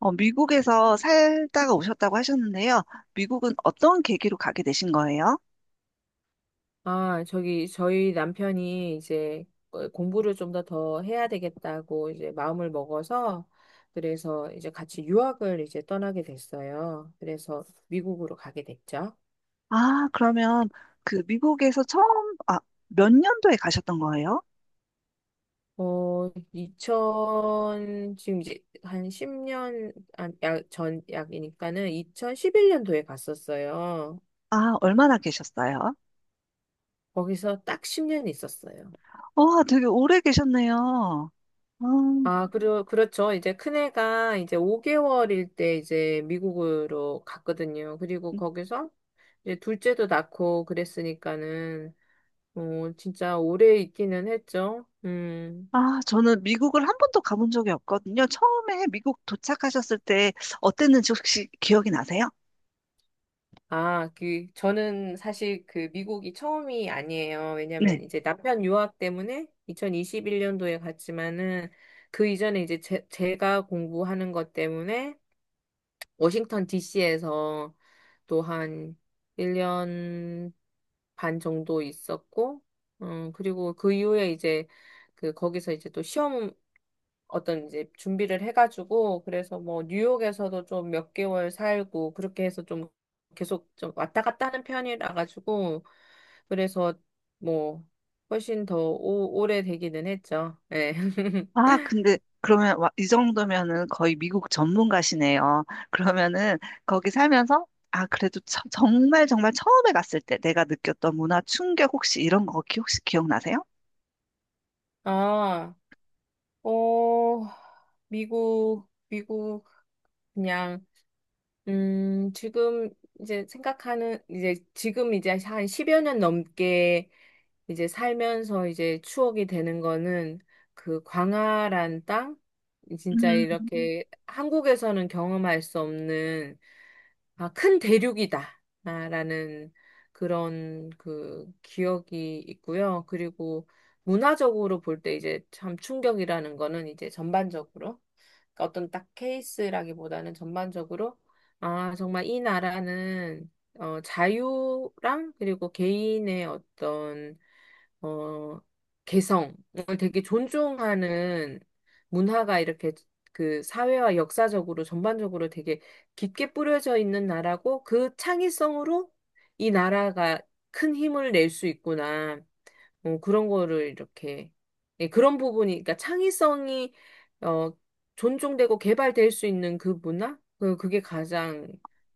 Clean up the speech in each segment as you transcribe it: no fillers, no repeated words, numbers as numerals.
어, 미국에서 살다가 오셨다고 하셨는데요. 미국은 어떤 계기로 가게 되신 거예요? 아, 저기, 저희 남편이 이제 공부를 좀 더 해야 되겠다고 이제 마음을 먹어서 그래서 이제 같이 유학을 이제 떠나게 됐어요. 그래서 미국으로 가게 됐죠. 아, 그러면 그 미국에서 처음, 아, 몇 년도에 가셨던 거예요? 이천 지금 이제 한 10년 약, 전 약이니까는 2011년도에 갔었어요. 아, 얼마나 계셨어요? 거기서 딱 10년 있었어요. 와, 되게 오래 계셨네요. 음. 아, 그리고, 그렇죠. 이제 큰애가 이제 5개월일 때 이제 미국으로 갔거든요. 그리고 거기서 이제 둘째도 낳고 그랬으니까는, 진짜 오래 있기는 했죠. 음. 아, 저는 미국을 한 번도 가본 적이 없거든요. 처음에 미국 도착하셨을 때 어땠는지 혹시 기억이 나세요? 아, 그, 저는 사실 그 미국이 처음이 아니에요. 왜냐면 이제 남편 유학 때문에 2021년도에 갔지만은 그 이전에 이제 제가 공부하는 것 때문에 워싱턴 DC에서 또 한 1년 반 정도 있었고, 그리고 그 이후에 이제 그 거기서 이제 또 시험 어떤 이제 준비를 해가지고, 그래서 뭐 뉴욕에서도 좀 몇 개월 살고, 그렇게 해서 좀 계속 좀 왔다 갔다 하는 편이라 가지고, 그래서 뭐 훨씬 더 오래 되기는 했죠. 네. 아, 근데 그러면 와- 이 정도면은 거의 미국 전문가시네요. 그러면은 거기 살면서 아, 그래도 정말 정말 처음에 갔을 때 내가 느꼈던 문화 충격 혹시 이런 거 혹시 기억나세요? 아, 어, 미국, 미국, 그냥 지금 이제 생각하는, 이제 지금 이제 한 10여 년 넘게 이제 살면서 이제 추억이 되는 거는 그 광활한 땅? 진짜 음. 이렇게 한국에서는 경험할 수 없는 아, 큰 대륙이다. 아, 라는 그런 그 기억이 있고요. 그리고 문화적으로 볼 때 이제 참 충격이라는 거는 이제 전반적으로. 그러니까 어떤 딱 케이스라기보다는 전반적으로 아, 정말 이 나라는 자유랑 그리고 개인의 어떤 어, 개성을 되게 존중하는 문화가 이렇게 그 사회와 역사적으로 전반적으로 되게 깊게 뿌려져 있는 나라고 그 창의성으로 이 나라가 큰 힘을 낼 수 있구나. 그런 거를 이렇게 예, 그런 부분이 그러니까 창의성이 어, 존중되고 개발될 수 있는 그 문화? 그게 가장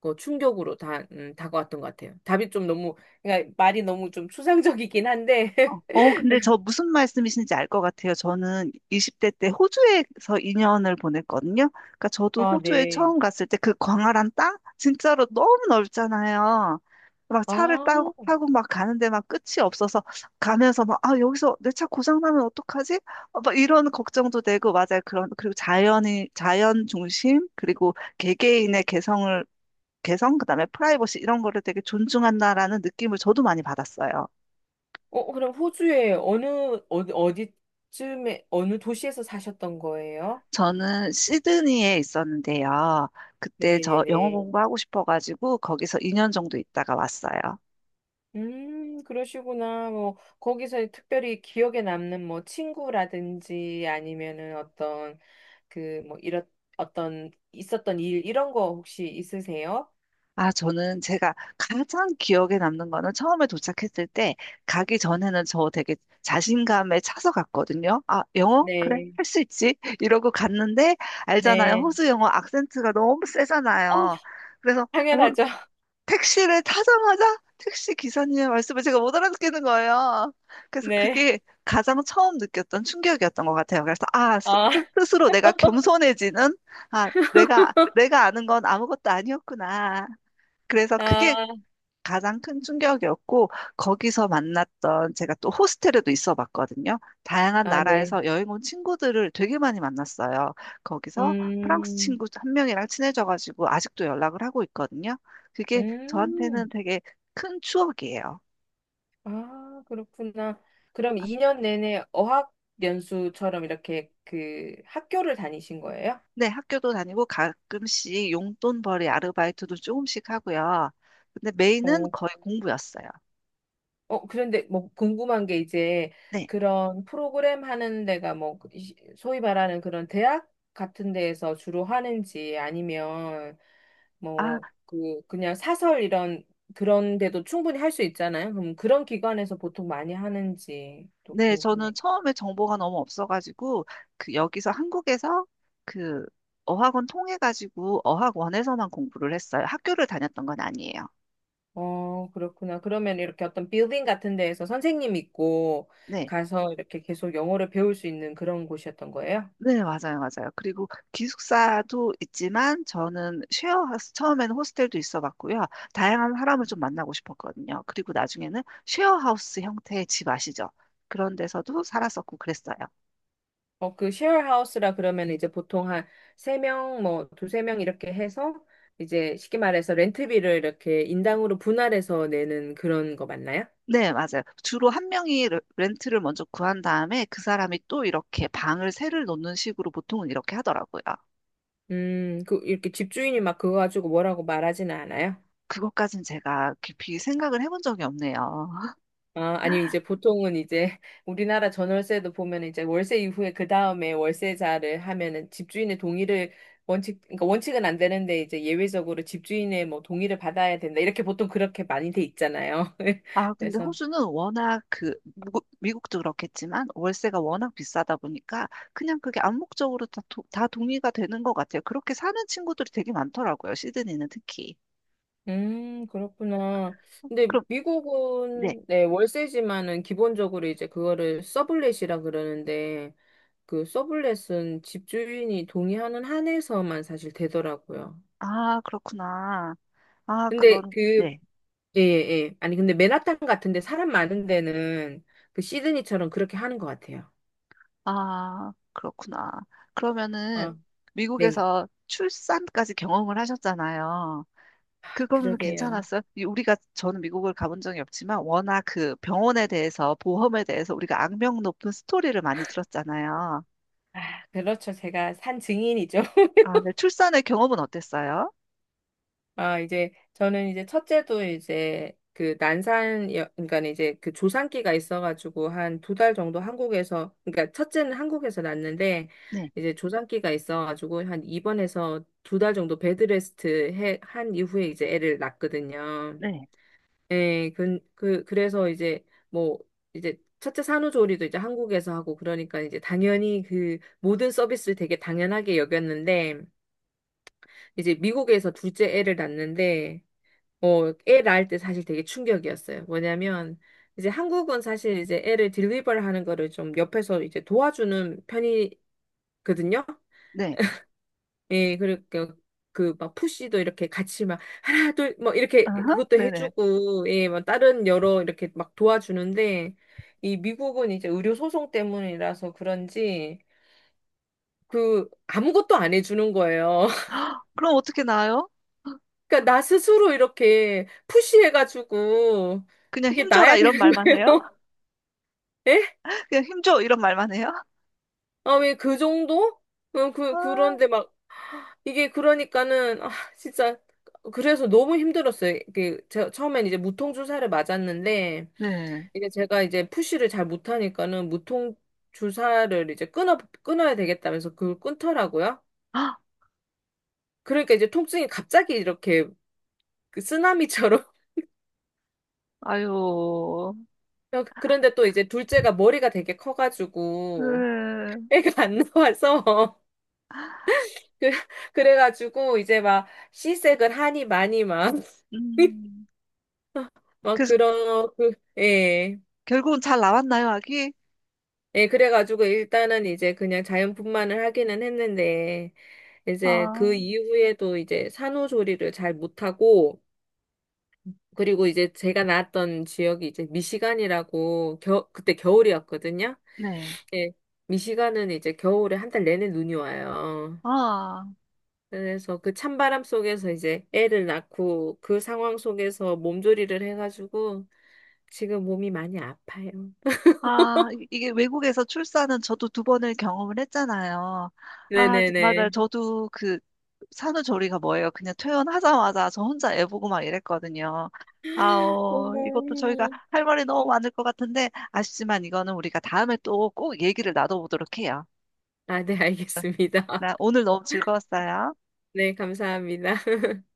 그 충격으로 다 다가왔던 것 같아요. 답이 좀 너무 그러니까 말이 너무 좀 추상적이긴 한데. 어, 어, 근데 저 무슨 말씀이신지 알 것 같아요. 저는 20대 때 호주에서 2년을 보냈거든요. 그러니까 저도 아, 호주에 네. 처음 갔을 때 그 광활한 땅? 진짜로 너무 넓잖아요. 막 차를 타고, 아, 타고 막 가는데 막 끝이 없어서 가면서 막, 아, 여기서 내 차 고장나면 어떡하지? 어, 막 이런 걱정도 되고, 맞아요. 그런, 그리고 자연이, 자연 중심, 그리고 개개인의 개성을, 개성, 그다음에 프라이버시 이런 거를 되게 존중한다라는 느낌을 저도 많이 받았어요. 그럼 호주에 어디, 어디쯤에, 어느 도시에서 사셨던 거예요? 저는 시드니에 있었는데요. 그때 저 영어 네네네. 공부하고 싶어가지고 거기서 2년 정도 있다가 왔어요. 그러시구나. 뭐, 거기서 특별히 기억에 남는 뭐, 친구라든지 아니면은 어떤, 그, 뭐, 이런, 어떤, 있었던 일, 이런 거 혹시 있으세요? 아, 저는 제가 가장 기억에 남는 거는 처음에 도착했을 때 가기 전에는 저 되게 자신감에 차서 갔거든요. 아, 영어? 그래, 네, 할 수 있지. 이러고 갔는데 알잖아요. 네. 호주 영어 악센트가 너무 어, 세잖아요. 그래서 뭐, 당연하죠. 택시를 타자마자 택시 기사님의 말씀을 제가 못 알아듣겠는 거예요. 그래서 네. 그게 가장 처음 느꼈던 충격이었던 것 같아요. 그래서 아, 아, 스로 내가 겸손해지는, 아, 내가 아는 건 아무것도 아니었구나. 그래서 그게 아, 가장 큰 충격이었고, 거기서 만났던, 제가 또 호스텔에도 있어 봤거든요. 다양한 아, 네. 나라에서 여행 온 친구들을 되게 많이 만났어요. 거기서 프랑스 음. 친구 한 명이랑 친해져가지고 아직도 연락을 하고 있거든요. 그게 저한테는 음, 되게 큰 추억이에요. 아, 그렇구나. 그럼 2년 내내 어학연수처럼 이렇게 그 학교를 다니신 거예요? 네, 학교도 다니고 가끔씩 용돈벌이 아르바이트도 조금씩 하고요. 근데 메인은 어, 거의 공부였어요. 그런데 뭐 궁금한 게 이제 네. 그런 프로그램 하는 데가 뭐 소위 말하는 그런 대학 같은 데에서 주로 하는지 아니면 아, 뭐 그 그냥 사설 이런 그런 데도 충분히 할 수 있잖아요. 그럼 그런 기관에서 보통 많이 하는지 또 네, 저는 처음에 정보가 너무 없어가지고, 그, 여기서 한국에서 그, 어학원 통해가지고, 어학원에서만 공부를 했어요. 학교를 다녔던 건 아니에요. 그렇구나. 그러면 이렇게 어떤 빌딩 같은 데에서 선생님 있고 네, 가서 이렇게 계속 영어를 배울 수 있는 그런 곳이었던 거예요? 네, 맞아요, 맞아요. 그리고 기숙사도 있지만, 저는 쉐어, 하우스, 처음에는 호스텔도 있어 봤고요. 다양한 사람을 좀 만나고 싶었거든요. 그리고 나중에는 쉐어하우스 형태의 집 아시죠? 그런 데서도 살았었고 그랬어요. 그 쉐어하우스라 그러면 이제 보통 한 세명뭐 두세 명 이렇게 해서 이제 쉽게 말해서 렌트비를 이렇게 인당으로 분할해서 내는 그런 거 맞나요? 네, 맞아요. 주로 한 명이 렌트를 먼저 구한 다음에 그 사람이 또 이렇게 방을 새를 놓는 식으로 보통은 이렇게 하더라고요. 그 이렇게 집주인이 막 그거 가지고 뭐라고 말하지는 않아요? 그것까진 제가 깊이 생각을 해본 적이 없네요. 아, 아니, 이제 보통은 이제 우리나라 전월세도 보면 이제 월세 이후에 그 다음에 월세자를 하면은 집주인의 동의를 그러니까 원칙은 안 되는데 이제 예외적으로 집주인의 뭐 동의를 받아야 된다. 이렇게 보통 그렇게 많이 돼 있잖아요. 아, 근데 그래서, 호주는 워낙 그, 미국도 그렇겠지만 월세가 워낙 비싸다 보니까 그냥 그게 암묵적으로 다 동의가 되는 것 같아요. 그렇게 사는 친구들이 되게 많더라고요. 시드니는 특히. 그렇구나. 어, 근데 그럼, 네. 미국은, 네, 월세지만은 기본적으로 이제 그거를 서블렛이라 그러는데 그 서블렛은 집주인이 동의하는 한에서만 사실 되더라고요. 아, 그렇구나. 아, 근데 그건, 그 네. 예, 예. 아니, 근데 맨하탄 같은데 사람 많은 데는 그 시드니처럼 그렇게 하는 것 같아요. 아, 그렇구나. 그러면은 어, 네. 미국에서 출산까지 경험을 하셨잖아요. 그거는 그러게요. 괜찮았어요? 이 우리가 저는 미국을 가본 적이 없지만 워낙 그 병원에 대해서 보험에 대해서 우리가 악명 높은 스토리를 많이 들었잖아요. 아, 그렇죠. 제가 산 증인이죠. 아, 네. 출산의 경험은 어땠어요? 아, 이제 저는 이제 첫째도 이제 그 난산, 그러니까 이제 그 조산기가 있어가지고 한 두 달 정도 한국에서, 그러니까 첫째는 한국에서 낳았는데 네, 이제 조산기가 있어가지고 한 입원해서 두 달 정도 베드레스트 한 이후에 이제 애를 낳거든요. 네, 예, 그래서 이제 뭐 이제 첫째 산후조리도 이제 한국에서 하고 그러니까 이제 당연히 그 모든 서비스를 되게 당연하게 여겼는데 이제 미국에서 둘째 애를 낳는데 애 낳을 때 사실 되게 충격이었어요. 뭐냐면 이제 한국은 사실 이제 애를 딜리버를 하는 거를 좀 옆에서 이제 도와주는 편이 거든요. 네. 예, 그러니까 그 막 푸시도 이렇게 같이 막 하나 둘 뭐 이렇게 어허, 그것도 네네. 해주고 예, 뭐 다른 여러 이렇게 막 도와주는데 이 미국은 이제 의료 소송 때문이라서 그런지 그 아무것도 안 해주는 거예요. 그럼 어떻게 나아요? 그러니까 나 스스로 이렇게 푸시해가지고 그냥 이게 힘줘라 나야 이런 되는 말만 거예요. 해요? 예? 그냥 힘줘 이런 말만 해요? 아, 왜 그 정도? 아, 그런데 막 이게 그러니까는 아 진짜 그래서 너무 힘들었어요. 이게 제 처음엔 이제 무통 주사를 맞았는데 네. 이제 제가 이제 푸시를 잘 못하니까는 무통 주사를 이제 끊어야 되겠다면서 그걸 끊더라고요. 헉, 그러니까 이제 통증이 갑자기 이렇게 그 쓰나미처럼 아유, 그런데 또 이제 둘째가 머리가 되게 커가지고 네. 애가 안 나와서 그 그래가지고 이제 막 시색을 하니 많이 막 음. 막 그래서 그런 그 예. 결국은 잘 나왔나요, 아기? 예, 그래가지고 일단은 이제 그냥 자연분만을 하기는 했는데, 이제 아, 그 이후에도 이제 산후조리를 잘 못하고, 그리고 이제 제가 낳았던 지역이 이제 미시간이라고, 그때 겨울이었거든요. 네. 예, 미시간은 이제 겨울에 한 달 내내 눈이 와요. 아, 그래서 그 찬바람 속에서 이제 애를 낳고 그 상황 속에서 몸조리를 해가지고 지금 몸이 많이 아파요. 아, 이- 이게 외국에서 출산은 저도 두 번을 경험을 했잖아요. 아, 맞아요. 네네네. 저도 그 산후조리가 뭐예요? 그냥 퇴원하자마자 저 혼자 애 보고 막 이랬거든요. 아오, 어머. 이것도 저희가 할 말이 너무 많을 것 같은데, 아쉽지만 이거는 우리가 다음에 또 꼭 얘기를 나눠보도록 해요. 아, 네, 알겠습니다. 나 오늘 너무 즐거웠어요. 네, 감사합니다.